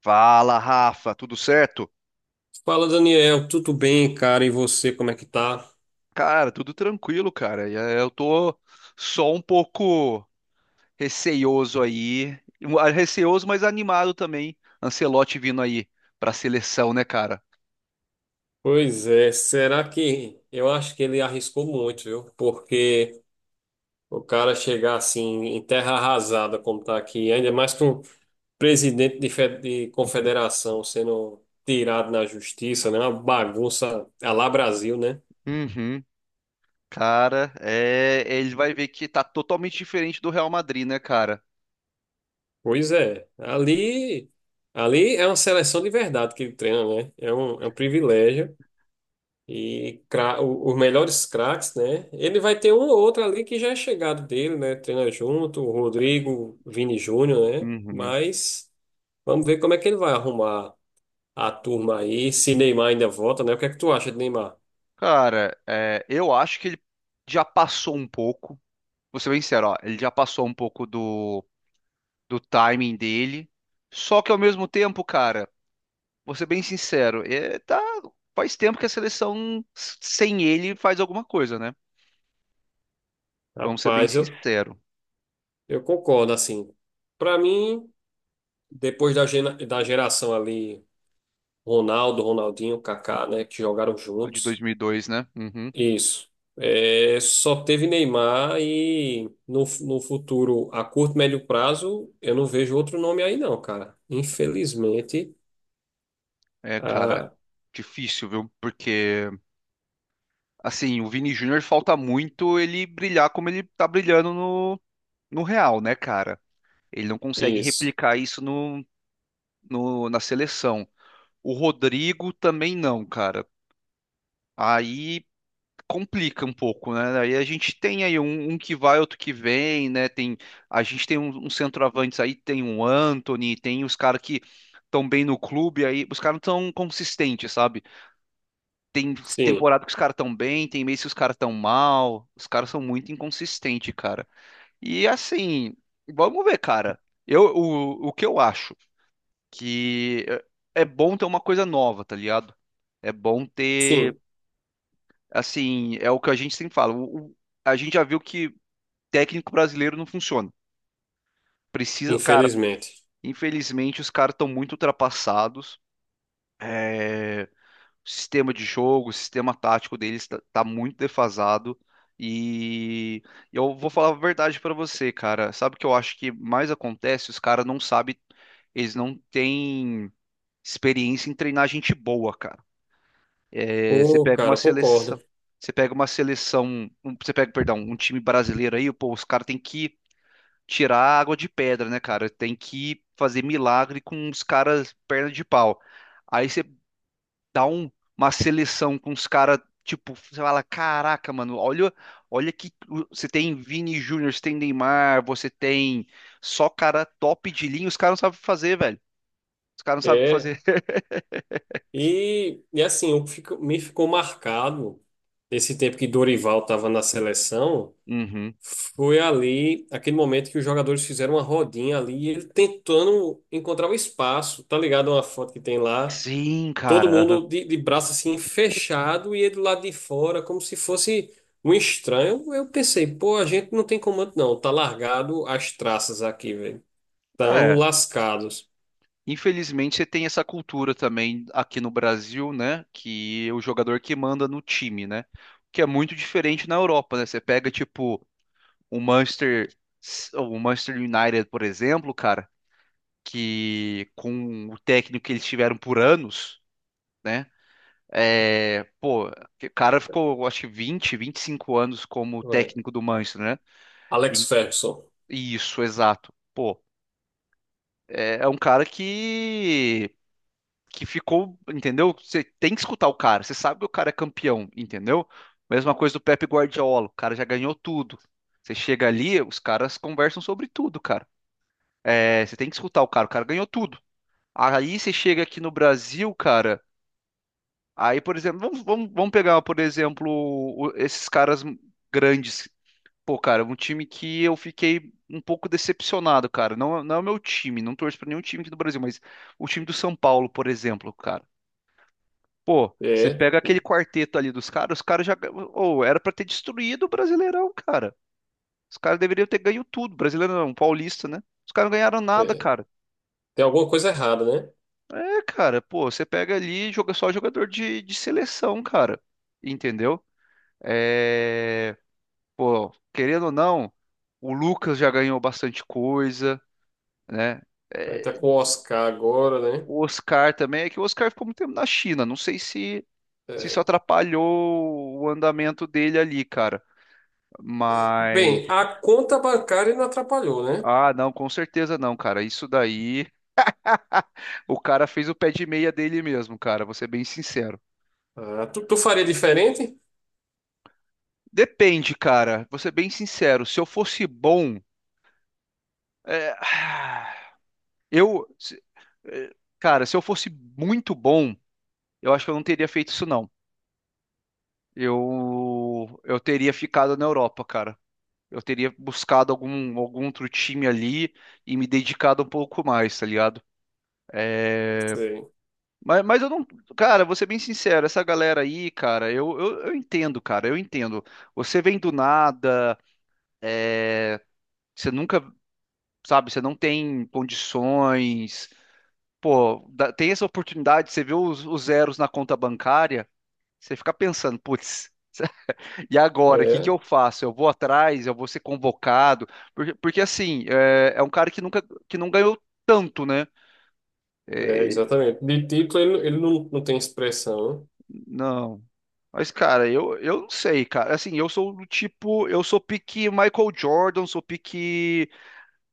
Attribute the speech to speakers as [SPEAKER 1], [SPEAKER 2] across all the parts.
[SPEAKER 1] Fala, Rafa, tudo certo?
[SPEAKER 2] Fala, Daniel, tudo bem, cara? E você, como é que tá?
[SPEAKER 1] Cara, tudo tranquilo, cara. E, eu tô só um pouco receioso aí, receoso, mas animado também. Ancelotti vindo aí pra seleção, né, cara?
[SPEAKER 2] Pois é, será que eu acho que ele arriscou muito, viu? Porque o cara chegar assim em terra arrasada, como tá aqui, ainda mais com o presidente de, de confederação sendo tirado na justiça, né? Uma bagunça à lá Brasil, né?
[SPEAKER 1] Uhum. Cara, é, ele vai ver que tá totalmente diferente do Real Madrid, né, cara?
[SPEAKER 2] Pois é, ali é uma seleção de verdade que ele treina, né? É um privilégio. E os melhores craques, né? Ele vai ter um ou outro ali que já é chegado dele, né? Treina junto, o Rodrigo, Vini Júnior, né?
[SPEAKER 1] Uhum.
[SPEAKER 2] Mas vamos ver como é que ele vai arrumar a turma aí, se Neymar ainda volta, né? O que é que tu acha de Neymar?
[SPEAKER 1] Cara, é, eu acho que ele já passou um pouco. Vou ser bem sincero, ó, ele já passou um pouco do timing dele. Só que ao mesmo tempo, cara. Vou ser bem sincero, é, tá, faz tempo que a seleção sem ele faz alguma coisa, né? Vamos ser bem
[SPEAKER 2] Rapaz, eu,
[SPEAKER 1] sincero.
[SPEAKER 2] eu concordo, assim. Para mim, depois da, da geração ali, Ronaldo, Ronaldinho, Kaká, né? Que jogaram
[SPEAKER 1] A de
[SPEAKER 2] juntos.
[SPEAKER 1] 2002, né? Uhum.
[SPEAKER 2] Isso. É, só teve Neymar e no futuro, a curto, médio prazo, eu não vejo outro nome aí não, cara. Infelizmente.
[SPEAKER 1] É, cara,
[SPEAKER 2] Ah,
[SPEAKER 1] difícil, viu? Porque, assim, o Vini Júnior falta muito ele brilhar como ele tá brilhando no Real, né, cara? Ele não consegue
[SPEAKER 2] isso.
[SPEAKER 1] replicar isso no, no, na seleção. O Rodrigo também não, cara. Aí complica um pouco, né? Aí a gente tem aí um que vai, outro que vem, né? A gente tem uns centroavantes aí, tem um Anthony, tem os caras que estão bem no clube, aí os caras não tão consistentes, sabe? Tem
[SPEAKER 2] Sim,
[SPEAKER 1] temporada que os caras estão bem, tem mês que os caras estão mal, os caras são muito inconsistentes, cara. E assim, vamos ver, cara. O que eu acho que é bom ter uma coisa nova, tá ligado? É bom ter
[SPEAKER 2] sim,
[SPEAKER 1] assim, é o que a gente sempre fala. A gente já viu que técnico brasileiro não funciona. Precisa, cara,
[SPEAKER 2] infelizmente.
[SPEAKER 1] infelizmente os caras estão muito ultrapassados. É, o sistema de jogo, o sistema tático deles tá muito defasado. E eu vou falar a verdade pra você, cara. Sabe o que eu acho que mais acontece? Os caras não sabem, eles não têm experiência em treinar gente boa, cara. É, você
[SPEAKER 2] Ô,
[SPEAKER 1] pega
[SPEAKER 2] cara,
[SPEAKER 1] uma
[SPEAKER 2] eu
[SPEAKER 1] seleção,
[SPEAKER 2] concordo.
[SPEAKER 1] você pega uma seleção, você pega, perdão, um time brasileiro aí, pô, os caras têm que tirar a água de pedra, né, cara? Tem que fazer milagre com os caras perna de pau. Aí você dá um- uma seleção com os caras, tipo, você fala, caraca, mano, olha, olha que você tem Vini Júnior, você tem Neymar, você tem só cara top de linha, os caras não sabem o que fazer, velho. Os caras não sabem o que
[SPEAKER 2] É,
[SPEAKER 1] fazer.
[SPEAKER 2] e assim, o que me ficou marcado esse tempo que Dorival estava na seleção.
[SPEAKER 1] Uhum.
[SPEAKER 2] Foi ali, aquele momento que os jogadores fizeram uma rodinha ali, e ele tentando encontrar o espaço, tá ligado? Uma foto que tem lá,
[SPEAKER 1] Sim,
[SPEAKER 2] todo
[SPEAKER 1] cara.
[SPEAKER 2] mundo de braço assim fechado e ele do lado de fora, como se fosse um estranho. Eu pensei, pô, a gente não tem comando não, tá largado as traças aqui, velho. Estamos
[SPEAKER 1] Aham. É.
[SPEAKER 2] lascados.
[SPEAKER 1] Infelizmente, você tem essa cultura também aqui no Brasil, né? Que é o jogador que manda no time, né? Que é muito diferente na Europa, né? Você pega, tipo, o Manchester, o Manchester United, por exemplo, cara, que com o técnico que eles tiveram por anos, né? É, pô, que o cara ficou, eu acho que vinte e cinco anos como
[SPEAKER 2] Ué,
[SPEAKER 1] técnico do Manchester, né?
[SPEAKER 2] Alex
[SPEAKER 1] E-
[SPEAKER 2] Ferguson.
[SPEAKER 1] Isso, exato. Pô, é um cara que ficou, entendeu? Você tem que escutar o cara, você sabe que o cara é campeão, entendeu? Mesma coisa do Pep Guardiola, o cara já ganhou tudo. Você chega ali, os caras conversam sobre tudo, cara. É, você tem que escutar o cara ganhou tudo. Aí você chega aqui no Brasil, cara. Aí, por exemplo, vamos pegar, por exemplo, esses caras grandes. Pô, cara, um time que eu fiquei um pouco decepcionado, cara. Não, não é o meu time, não torço pra nenhum time aqui do Brasil, mas o time do São Paulo, por exemplo, cara. Pô, você
[SPEAKER 2] É,
[SPEAKER 1] pega aquele quarteto ali dos caras, os caras já. Ou era pra ter destruído o Brasileirão, cara. Os caras deveriam ter ganho tudo. Brasileiro não, paulista, né? Os caras não ganharam nada,
[SPEAKER 2] é,
[SPEAKER 1] cara.
[SPEAKER 2] tem alguma coisa errada, né?
[SPEAKER 1] É, cara, pô, você pega ali e joga só jogador de seleção, cara. Entendeu? É. Pô, querendo ou não, o Lucas já ganhou bastante coisa, né?
[SPEAKER 2] Aí tá
[SPEAKER 1] É,
[SPEAKER 2] com o Oscar agora, né?
[SPEAKER 1] o Oscar também, é que o Oscar ficou muito tempo na China. Não sei se, se isso
[SPEAKER 2] É.
[SPEAKER 1] atrapalhou o andamento dele ali, cara. Mas,
[SPEAKER 2] Bem, a conta bancária não atrapalhou, né?
[SPEAKER 1] não, com certeza não, cara. Isso daí, o cara fez o pé de meia dele mesmo, cara. Vou ser bem sincero.
[SPEAKER 2] Ah, tu faria diferente?
[SPEAKER 1] Depende, cara. Vou ser bem sincero. Se eu fosse bom, é, eu, se- é, cara, se eu fosse muito bom, eu acho que eu não teria feito isso, não. Eu teria ficado na Europa, cara. Eu teria buscado algum, algum outro time ali e me dedicado um pouco mais, tá ligado?
[SPEAKER 2] Sei.
[SPEAKER 1] Mas eu não. Cara, vou ser bem sincero, essa galera aí, cara, eu entendo, cara, eu entendo. Você vem do nada, você nunca, sabe, você não tem condições. Pô, tem essa oportunidade, você vê os zeros na conta bancária, você fica pensando, putz, e agora, o que que
[SPEAKER 2] É,
[SPEAKER 1] eu faço? Eu vou atrás, eu vou ser convocado? Porque assim, é um cara que nunca, que não ganhou tanto, né? É,
[SPEAKER 2] exatamente. De título, ele não, não tem expressão, né?
[SPEAKER 1] não. Mas, cara, eu não sei, cara. Assim, eu sou do tipo. Eu sou pique Michael Jordan, sou pique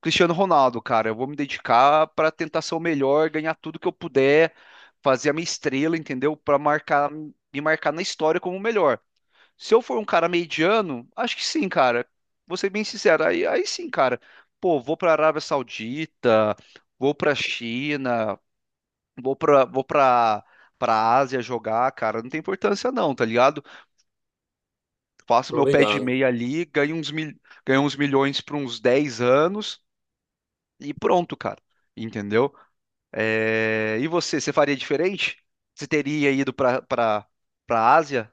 [SPEAKER 1] Cristiano Ronaldo, cara. Eu vou me dedicar pra tentar ser o melhor, ganhar tudo que eu puder, fazer a minha estrela, entendeu? Pra marcar, me marcar na história como o melhor. Se eu for um cara mediano, acho que sim, cara. Vou ser bem sincero. Aí, aí sim, cara. Pô, vou pra Arábia Saudita, vou pra China, vou pra, vou pra, pra Ásia jogar, cara. Não tem importância, não, tá ligado? Faço
[SPEAKER 2] Tô
[SPEAKER 1] meu pé de
[SPEAKER 2] ligado.
[SPEAKER 1] meia ali, ganho uns milhões por uns 10 anos e pronto, cara. Entendeu? E você, faria diferente? Você teria ido para Ásia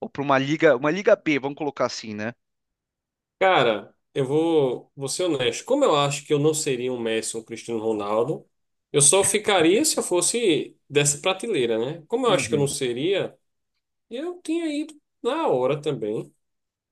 [SPEAKER 1] ou para uma liga B, vamos colocar assim, né?
[SPEAKER 2] Cara, vou ser honesto. Como eu acho que eu não seria um Messi, ou um Cristiano Ronaldo, eu só ficaria se eu fosse dessa prateleira, né? Como eu acho que eu não
[SPEAKER 1] Uhum.
[SPEAKER 2] seria, eu tinha ido na hora também.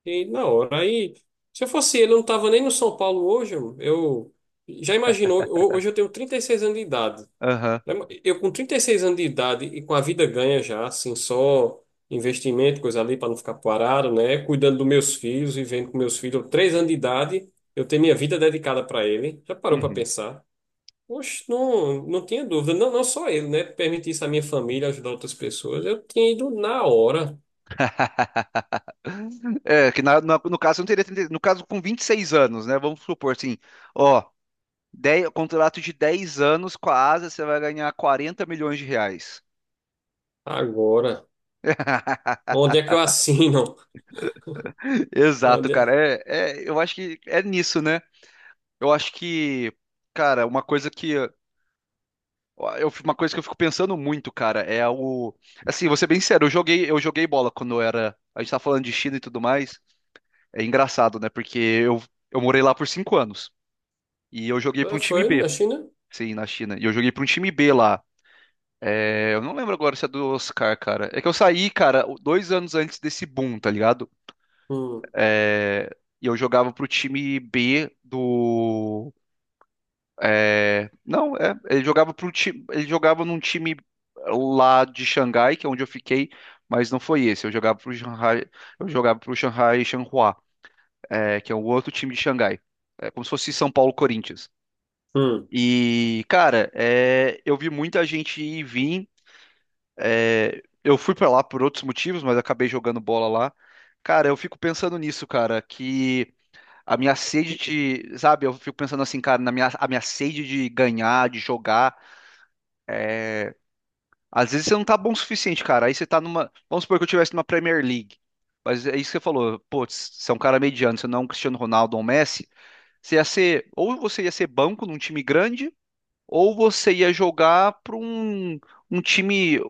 [SPEAKER 2] E na hora. Aí, se eu fosse ele, eu não tava nem no São Paulo hoje. Eu já imaginou, hoje eu tenho 36 anos de idade.
[SPEAKER 1] Aham.
[SPEAKER 2] Né? Eu com 36 anos de idade e com a vida ganha já, assim, só investimento, coisa ali para não ficar parado, né? Cuidando dos meus filhos, vivendo com meus filhos. 3 anos de idade, eu tenho minha vida dedicada para ele. Já parou para
[SPEAKER 1] Uhum.
[SPEAKER 2] pensar? Oxe, não, não tinha dúvida. Não, não só ele, né? Permitir isso à minha família, ajudar outras pessoas. Eu tinha ido na hora,
[SPEAKER 1] É, que no caso eu não teria 30 no caso com 26 anos, né? Vamos supor assim, ó, 10 contrato de 10 anos com a Ásia, você vai ganhar 40 milhões de reais.
[SPEAKER 2] agora. Onde é que eu assino?
[SPEAKER 1] Exato,
[SPEAKER 2] Onde
[SPEAKER 1] cara.
[SPEAKER 2] é?
[SPEAKER 1] Eu acho que é nisso, né? Eu acho que, cara, uma coisa que eu fico pensando muito, cara, é o, assim, vou ser bem sincero, eu joguei bola quando eu era, a gente tá falando de China e tudo mais. É engraçado, né? Porque eu morei lá por 5 anos e eu joguei pra um
[SPEAKER 2] Ah,
[SPEAKER 1] time
[SPEAKER 2] foi
[SPEAKER 1] B,
[SPEAKER 2] na China?
[SPEAKER 1] sim, na China. E eu joguei pra um time B lá. É, eu não lembro agora se é do Oscar, cara. É que eu saí, cara, 2 anos antes desse boom, tá ligado?
[SPEAKER 2] Hum,
[SPEAKER 1] É, e eu jogava pro time B do É, não, é, ele jogava pro time, ele jogava num time lá de Xangai, que é onde eu fiquei, mas não foi esse. Eu jogava pro Shanghai, eu jogava pro Shanghai Shenhua, é, que é o outro time de Xangai. É como se fosse São Paulo Corinthians.
[SPEAKER 2] hum.
[SPEAKER 1] E, cara, é, eu vi muita gente ir e vir. É, eu fui pra lá por outros motivos, mas acabei jogando bola lá. Cara, eu fico pensando nisso, cara, que a minha sede de, sabe, eu fico pensando assim, cara, na minha, a minha sede de ganhar, de jogar, é, às vezes você não tá bom o suficiente, cara. Aí você tá numa. Vamos supor que eu tivesse numa Premier League. Mas é isso que você falou. Putz, você é um cara mediano, você não é um Cristiano Ronaldo ou um Messi. Você ia ser. Ou você ia ser banco num time grande, ou você ia jogar pra um, um time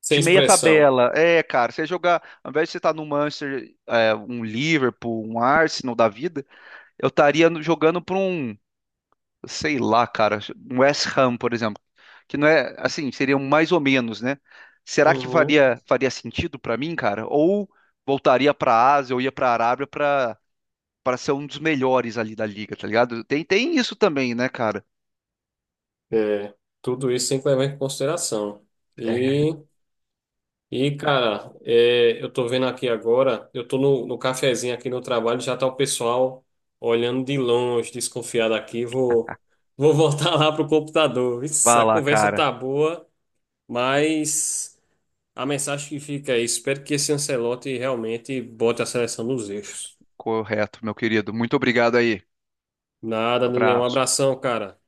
[SPEAKER 2] Sem
[SPEAKER 1] de meia
[SPEAKER 2] expressão.
[SPEAKER 1] tabela. É, cara, você ia jogar. Ao invés de você estar no Manchester, é, um Liverpool, um Arsenal da vida, eu estaria jogando pra um sei lá, cara, um West Ham, por exemplo, que não é assim, seriam mais ou menos, né? Será que
[SPEAKER 2] Uhum.
[SPEAKER 1] faria, faria sentido pra mim, cara? Ou voltaria pra Ásia ou ia pra Arábia pra para ser um dos melhores ali da liga, tá ligado? Tem, tem isso também, né, cara?
[SPEAKER 2] É, tudo isso tem que levar em consideração.
[SPEAKER 1] É,
[SPEAKER 2] E, e eu tô vendo aqui agora, eu tô no cafezinho aqui no trabalho, já tá o pessoal olhando de longe, desconfiado aqui. Vou voltar lá pro computador. Isso,
[SPEAKER 1] vá
[SPEAKER 2] a
[SPEAKER 1] lá,
[SPEAKER 2] conversa
[SPEAKER 1] cara.
[SPEAKER 2] tá boa, mas a mensagem que fica aí, espero que esse Ancelotti realmente bote a seleção nos eixos.
[SPEAKER 1] Correto, meu querido. Muito obrigado aí.
[SPEAKER 2] Nada, nenhum
[SPEAKER 1] Abraço.
[SPEAKER 2] abração, cara.